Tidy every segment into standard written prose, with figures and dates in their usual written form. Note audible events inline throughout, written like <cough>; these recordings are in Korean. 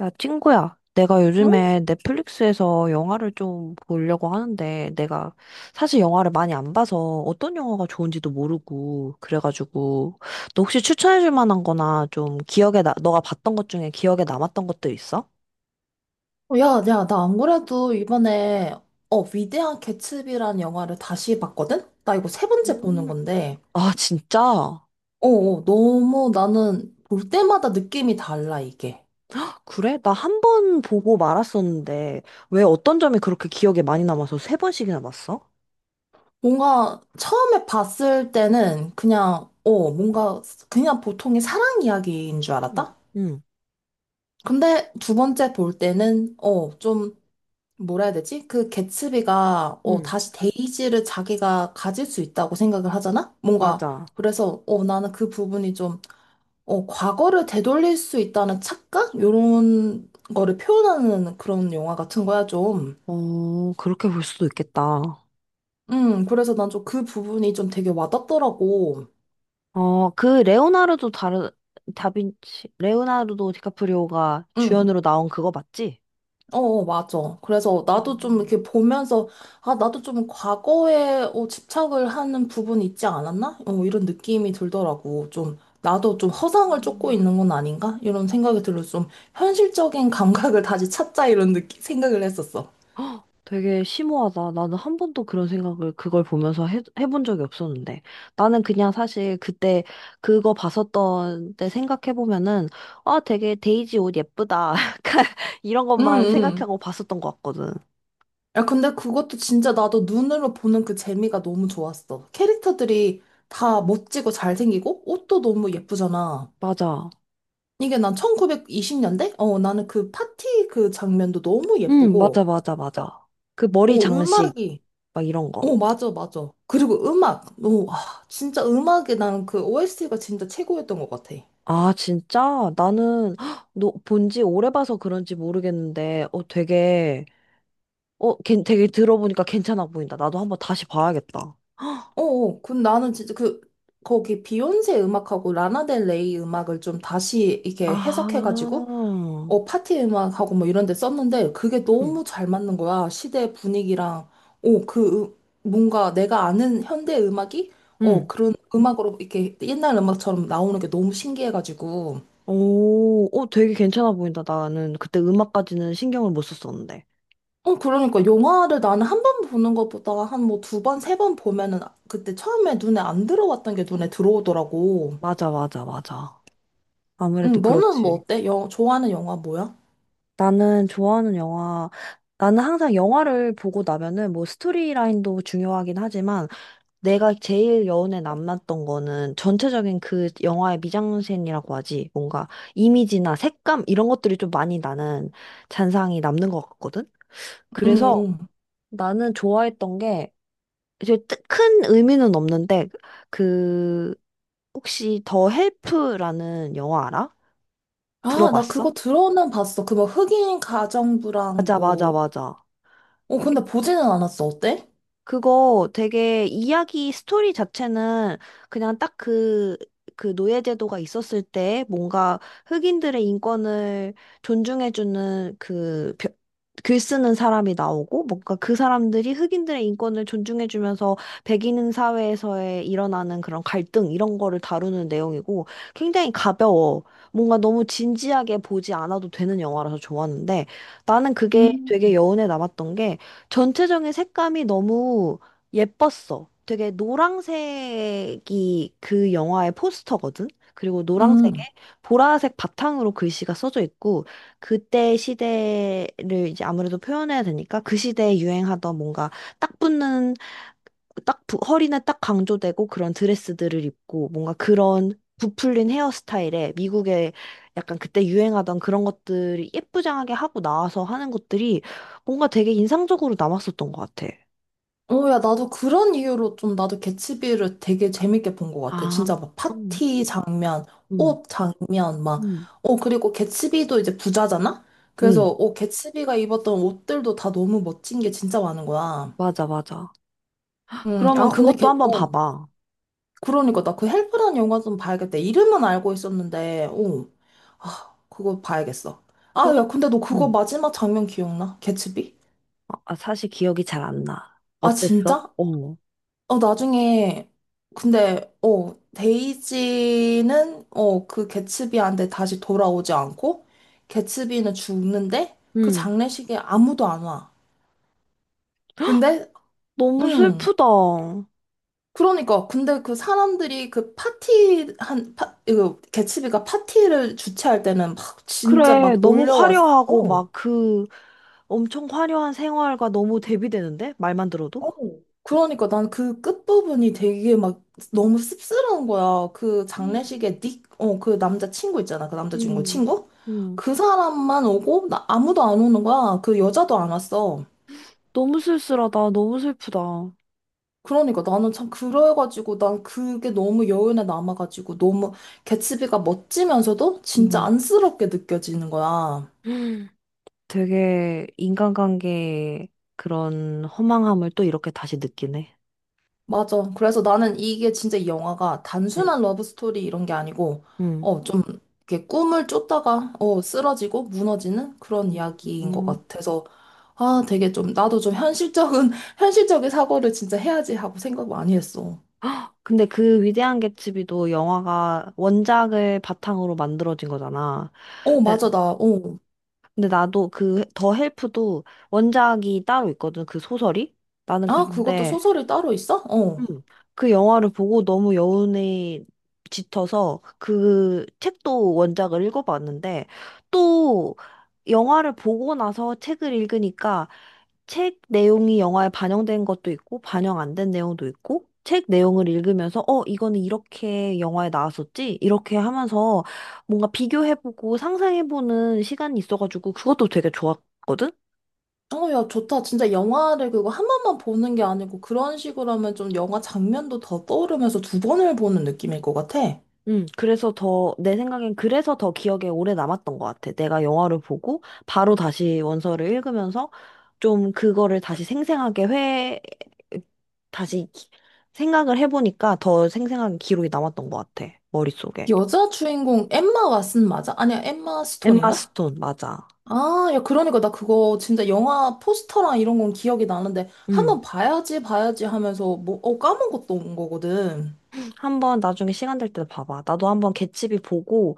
야, 친구야. 내가 응? 요즘에 넷플릭스에서 영화를 좀 보려고 하는데, 내가 사실 영화를 많이 안 봐서 어떤 영화가 좋은지도 모르고, 그래가지고, 너 혹시 추천해줄 만한 거나 좀 기억에, 너가 봤던 것 중에 기억에 남았던 것들 있어? 야, 야, 나 안 그래도 이번에, 위대한 개츠비라는 영화를 다시 봤거든? 나 이거 세 번째 보는 음, 건데, 아, 진짜? 너무 나는 볼 때마다 느낌이 달라, 이게. 그래? 나 한 번 보고 말았었는데, 왜 어떤 점이 그렇게 기억에 많이 남아서 세 번씩이나 봤어? 뭔가 처음에 봤을 때는 그냥, 뭔가 그냥 보통의 사랑 이야기인 줄 응 알았다? 응, 근데 두 번째 볼 때는, 좀, 뭐라 해야 되지? 그 개츠비가, 응, 다시 데이지를 자기가 가질 수 있다고 생각을 하잖아? 뭔가, 맞아. 그래서, 나는 그 부분이 좀, 과거를 되돌릴 수 있다는 착각? 요런 거를 표현하는 그런 영화 같은 거야, 좀. 어, 그렇게 볼 수도 있겠다. 그래서 난 좀 그 부분이 좀 되게 와닿더라고. 어, 그 레오나르도 다르 다빈치 레오나르도 디카프리오가 음, 주연으로 나온 그거 맞지? 맞아. 그래서 나도 좀 음, 이렇게 보면서, 아, 나도 좀 과거에 집착을 하는 부분이 있지 않았나? 이런 느낌이 들더라고. 좀, 나도 좀 허상을 쫓고 음. 있는 건 아닌가? 이런 생각이 들어서 좀 현실적인 <laughs> 감각을 다시 찾자, 이런 느낌, 생각을 했었어. 되게 심오하다. 나는 한 번도 그런 생각을 그걸 보면서 해본 적이 없었는데. 나는 그냥 사실 그때 그거 봤었던 때 생각해보면은, 아, 되게 데이지 옷 예쁘다. <laughs> 약간 이런 음, 것만 음. 생각하고 봤었던 것 같거든. 야, 근데 그것도 진짜 나도 눈으로 보는 그 재미가 너무 좋았어. 캐릭터들이 다 멋지고 잘생기고 옷도 너무 예쁘잖아. 맞아. 이게 난 1920년대? 나는 그 파티 그 장면도 너무 응, 맞아, 예쁘고, 맞아, 맞아. 그 머리 장식, 음악이, 막 이런 거. 맞아, 맞아. 그리고 음악, 진짜 음악이 나는 그 OST가 진짜 최고였던 것 같아. 아, 진짜? 나는 헉, 너 본지 오래 봐서 그런지 모르겠는데, 어, 되게, 어, 되게 들어보니까 괜찮아 보인다. 나도 한번 다시 봐야겠다. 그 나는 진짜 그, 거기 비욘세 음악하고 라나델레이 음악을 좀 다시 이렇게 아, 해석해가지고 응 파티 음악하고 뭐 이런 데 썼는데 그게 너무 잘 맞는 거야. 시대 분위기랑, 오, 그, 뭔가 내가 아는 현대 음악이, 응 그런 음악으로 이렇게 옛날 음악처럼 나오는 게 너무 신기해가지고. 오, 어, 되게 괜찮아 보인다. 나는 그때 음악까지는 신경을 못 썼었는데. 그러니까 영화를 나는 한 번 보는 것보다 한 뭐 두 번, 세 번 보면은 그때 처음에 눈에 안 들어왔던 게 눈에 들어오더라고. 맞아, 맞아, 맞아. 아무래도 응, 너는 뭐 그렇지. 어때? 좋아하는 영화 뭐야? 나는 좋아하는 영화, 나는 항상 영화를 보고 나면은 뭐 스토리라인도 중요하긴 하지만, 내가 제일 여운에 남았던 거는 전체적인 그 영화의 미장센이라고 하지. 뭔가 이미지나 색감 이런 것들이 좀 많이 나는 잔상이 남는 것 같거든. 응, 그래서 응. 나는 좋아했던 게 이제 큰 의미는 없는데 그 혹시 더 헬프라는 영화 알아? 아, 나 들어봤어? 그거 들어는 봤어. 그 뭐 흑인 가정부랑 맞아, 맞아, 뭐 맞아. 근데 보지는 않았어. 어때? 그거 되게 이야기 스토리 자체는 그냥 딱 그 노예제도가 있었을 때 뭔가 흑인들의 인권을 존중해주는 그 글 쓰는 사람이 나오고 뭔가 그 사람들이 흑인들의 인권을 존중해주면서 백인 사회에서의 일어나는 그런 갈등 이런 거를 다루는 내용이고 굉장히 가벼워. 뭔가 너무 진지하게 보지 않아도 되는 영화라서 좋았는데 나는 그게 음, 되게 여운에 남았던 게 전체적인 색감이 너무 예뻤어. 되게 노란색이 그 영화의 포스터거든. 그리고 노란색에 음. 보라색 바탕으로 글씨가 써져 있고 그때 시대를 이제 아무래도 표현해야 되니까 그 시대에 유행하던 뭔가 딱 붙는 허리는 딱 강조되고 그런 드레스들을 입고 뭔가 그런 부풀린 헤어스타일에 미국의 약간 그때 유행하던 그런 것들이 예쁘장하게 하고 나와서 하는 것들이 뭔가 되게 인상적으로 남았었던 것 같아. 야, 나도 그런 이유로 좀 나도 개츠비를 되게 재밌게 본 것 같아. 아, 진짜 막 음, 파티 장면, 음, 옷 장면, 막. 음. 그리고 개츠비도 이제 부자잖아? 그래서, 응, 개츠비가 입었던 옷들도 다 너무 멋진 게 진짜 많은 거야. 맞아, 맞아. 아, 그러면 근데 그것도 걔, 한번 어. 봐봐. 그러니까 나 그 헬프라는 영화 좀 봐야겠다. 이름은 알고 있었는데. 아, 그거 봐야겠어. 아, 야, 그것, 근데 너 그거 응. 마지막 장면 기억나? 개츠비? 아, 아, 사실 기억이 잘 안 나. 아, 어땠어? 진짜? 어. 나중에, 근데, 데이지는, 그 개츠비한테 다시 돌아오지 않고, 개츠비는 죽는데, 그 응. 장례식에 아무도 안 와. 근데, 너무 음, 슬프다. 그러니까, 근데 그 사람들이 그 파티, 이거, 개츠비가 파티를 주최할 때는 막, 진짜 그래, 막 너무 몰려왔어. 화려하고 막 그 엄청 화려한 생활과 너무 대비되는데? 말만 들어도? 어, 그러니까 난 그 끝부분이 되게 막 너무 씁쓸한 거야. 그 음, 장례식에 닉, 그 남자 친구 있잖아. 그 남자 주인공 음, 친구? 음, 그 사람만 오고 나 아무도 안 오는 거야. 그 여자도 안 왔어. 너무 쓸쓸하다. 너무 슬프다. 그러니까 나는 참 그래가지고 난 그게 너무 여운에 남아가지고 너무 개츠비가 멋지면서도 진짜 음, 안쓰럽게 느껴지는 거야. 음, 되게 인간관계의 그런 허망함을 또 이렇게 다시 느끼네. 맞아. 그래서 나는 이게 진짜 이 영화가 응. 단순한 러브스토리 이런 게 아니고, 음. 좀, 이렇게 꿈을 쫓다가, 쓰러지고 무너지는 그런 이야기인 것 음. 같아서, 아, 되게 좀, 나도 좀 현실적인, <laughs> 현실적인 사고를 진짜 해야지 하고 생각 많이 했어. <gasps> 근데 그 위대한 개츠비도 영화가 원작을 바탕으로 만들어진 거잖아. 맞아, 나. 근데 나도 그 더 헬프도 원작이 따로 있거든. 그 소설이. 나는 그 아, 런 그것도 데 소설이 따로 있어? 음, 그 영화를 보고 너무 여운에 짙어서 그 책도 원작을 읽어봤는데 또 영화를 보고 나서 책을 읽으니까 책 내용이 영화에 반영된 것도 있고, 반영 안 된 내용도 있고, 책 내용을 읽으면서, 어, 이거는 이렇게 영화에 나왔었지? 이렇게 하면서 뭔가 비교해보고 상상해보는 시간이 있어가지고, 그것도 되게 좋았거든? 야, 좋다. 진짜 영화를 그거 한 번만 보는 게 아니고, 그런 식으로 하면 좀 영화 장면도 더 떠오르면서 두 번을 보는 느낌일 것 같아. 그래서 더, 내 생각엔 그래서 더 기억에 오래 남았던 것 같아. 내가 영화를 보고, 바로 다시 원서를 읽으면서, 좀 그거를 다시 생생하게 다시 생각을 해보니까 더 생생하게 기록이 남았던 것 같아. 머릿속에. 여자 주인공 엠마 왓슨 맞아? 아니야, 엠마 엠마 스톤인가? 스톤, 맞아. 아, 야, 그러니까 나 그거 진짜 영화 포스터랑 이런 건 기억이 나는데 음 한번 봐야지, 봐야지 하면서 뭐, 까먹었던 거거든. 한번 나중에 시간 될 때 봐봐. 나도 한번 개츠비 보고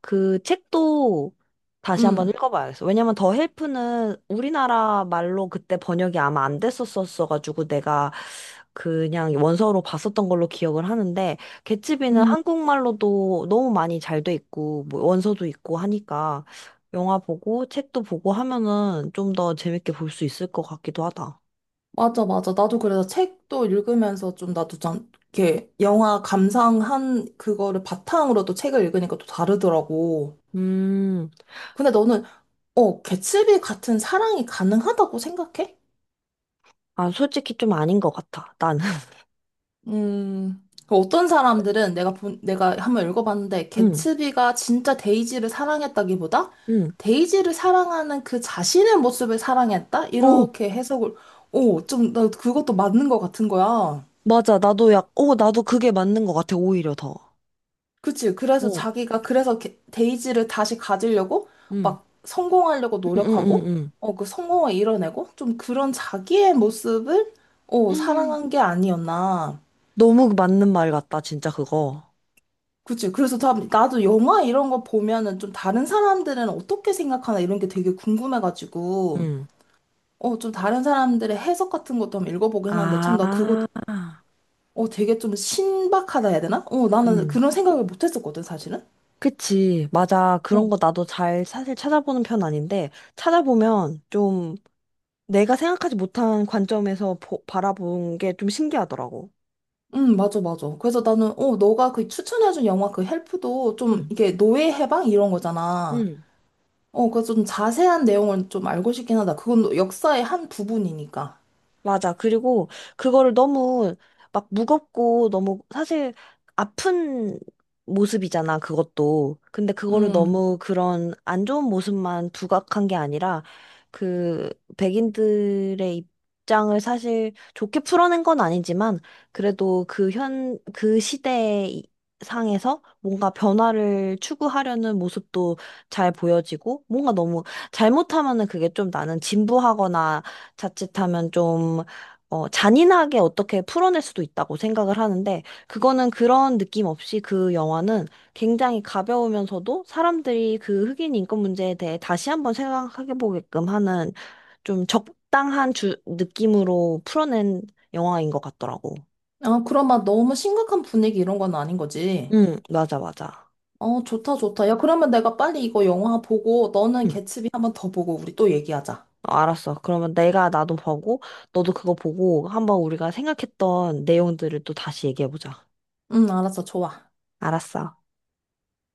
그 책도 다시 한번 음, 읽어봐야겠어. 왜냐면 더 헬프는 우리나라 말로 그때 번역이 아마 안 됐었었어가지고 내가 그냥 원서로 봤었던 걸로 기억을 하는데 개츠비는 음, 한국말로도 너무 많이 잘돼 있고 뭐 원서도 있고 하니까 영화 보고 책도 보고 하면은 좀 더 재밌게 볼 수 있을 것 같기도 하다. 맞아, 맞아. 나도 그래서 책도 읽으면서 좀 나도 좀 이렇게 영화 감상한 그거를 바탕으로 또 책을 읽으니까 또 다르더라고. 음. 근데 너는, 개츠비 같은 사랑이 가능하다고 생각해? 아, 솔직히 좀 아닌 것 같아, 나는. <laughs> 그 어떤 사람들은 내가 본, 내가 한번 읽어봤는데, 응, 개츠비가 진짜 데이지를 사랑했다기보다, 응. 데이지를 사랑하는 그 자신의 모습을 사랑했다? 오, 이렇게 해석을, 오, 좀, 나 그것도 맞는 것 같은 거야. 맞아. 오, 나도 그게 맞는 것 같아, 오히려 더. 그치? 그래서 오, 자기가, 그래서 데이지를 다시 가지려고, 응, 막 성공하려고 응, 응, 응, 노력하고, 응. 그 성공을 이뤄내고, 좀 그런 자기의 모습을, <gasps> 음. 사랑한 게 아니었나. 너무 맞는 말 같다, 진짜 그거. 그치. 그래서 나도 영화 이런 거 보면은 좀 다른 사람들은 어떻게 생각하나 이런 게 되게 궁금해가지고, 응. 좀 다른 사람들의 해석 같은 것도 한번 읽어보긴 하는데, 참, 나 그거, 아, 되게 좀 신박하다 해야 되나? 나는 응. 그런 생각을 못 했었거든, 사실은. 그치. 맞아. 어, 그런 거 나도 잘 사실 찾아보는 편 아닌데, 찾아보면 좀 내가 생각하지 못한 관점에서 바라본 게 좀 신기하더라고. 응, 맞아, 맞아. 그래서 나는, 너가 그 추천해준 영화 그 헬프도 좀 응, 이게 노예 해방 이런 거잖아. 응. 그래서 좀 자세한 내용을 좀 알고 싶긴 하다. 그건 역사의 한 부분이니까. 맞아. 그리고 그거를 너무 막 무겁고 너무 사실 아픈 모습이잖아, 그것도. 근데 그거를 음. 너무 그런 안 좋은 모습만 부각한 게 아니라 그 백인들의 입장을 사실 좋게 풀어낸 건 아니지만 그래도 그 시대 상에서 뭔가 변화를 추구하려는 모습도 잘 보여지고 뭔가 너무 잘못하면은 그게 좀 나는 진부하거나 자칫하면 좀, 어, 잔인하게 어떻게 풀어낼 수도 있다고 생각을 하는데, 그거는 그런 느낌 없이 그 영화는 굉장히 가벼우면서도 사람들이 그 흑인 인권 문제에 대해 다시 한번 생각해 보게끔 하는 좀 적당한 느낌으로 풀어낸 영화인 것 같더라고. 아, 그럼 막 너무 심각한 분위기 이런 건 아닌 거지. 응, 맞아, 맞아. 좋다, 좋다. 야, 그러면 내가 빨리 이거 영화 보고 너는 응, 개츠비 한번 더 보고 우리 또 얘기하자. 어, 알았어. 그러면 내가 나도 보고, 너도 그거 보고, 한번 우리가 생각했던 내용들을 또 다시 얘기해보자. 응, 알았어, 좋아. 알았어.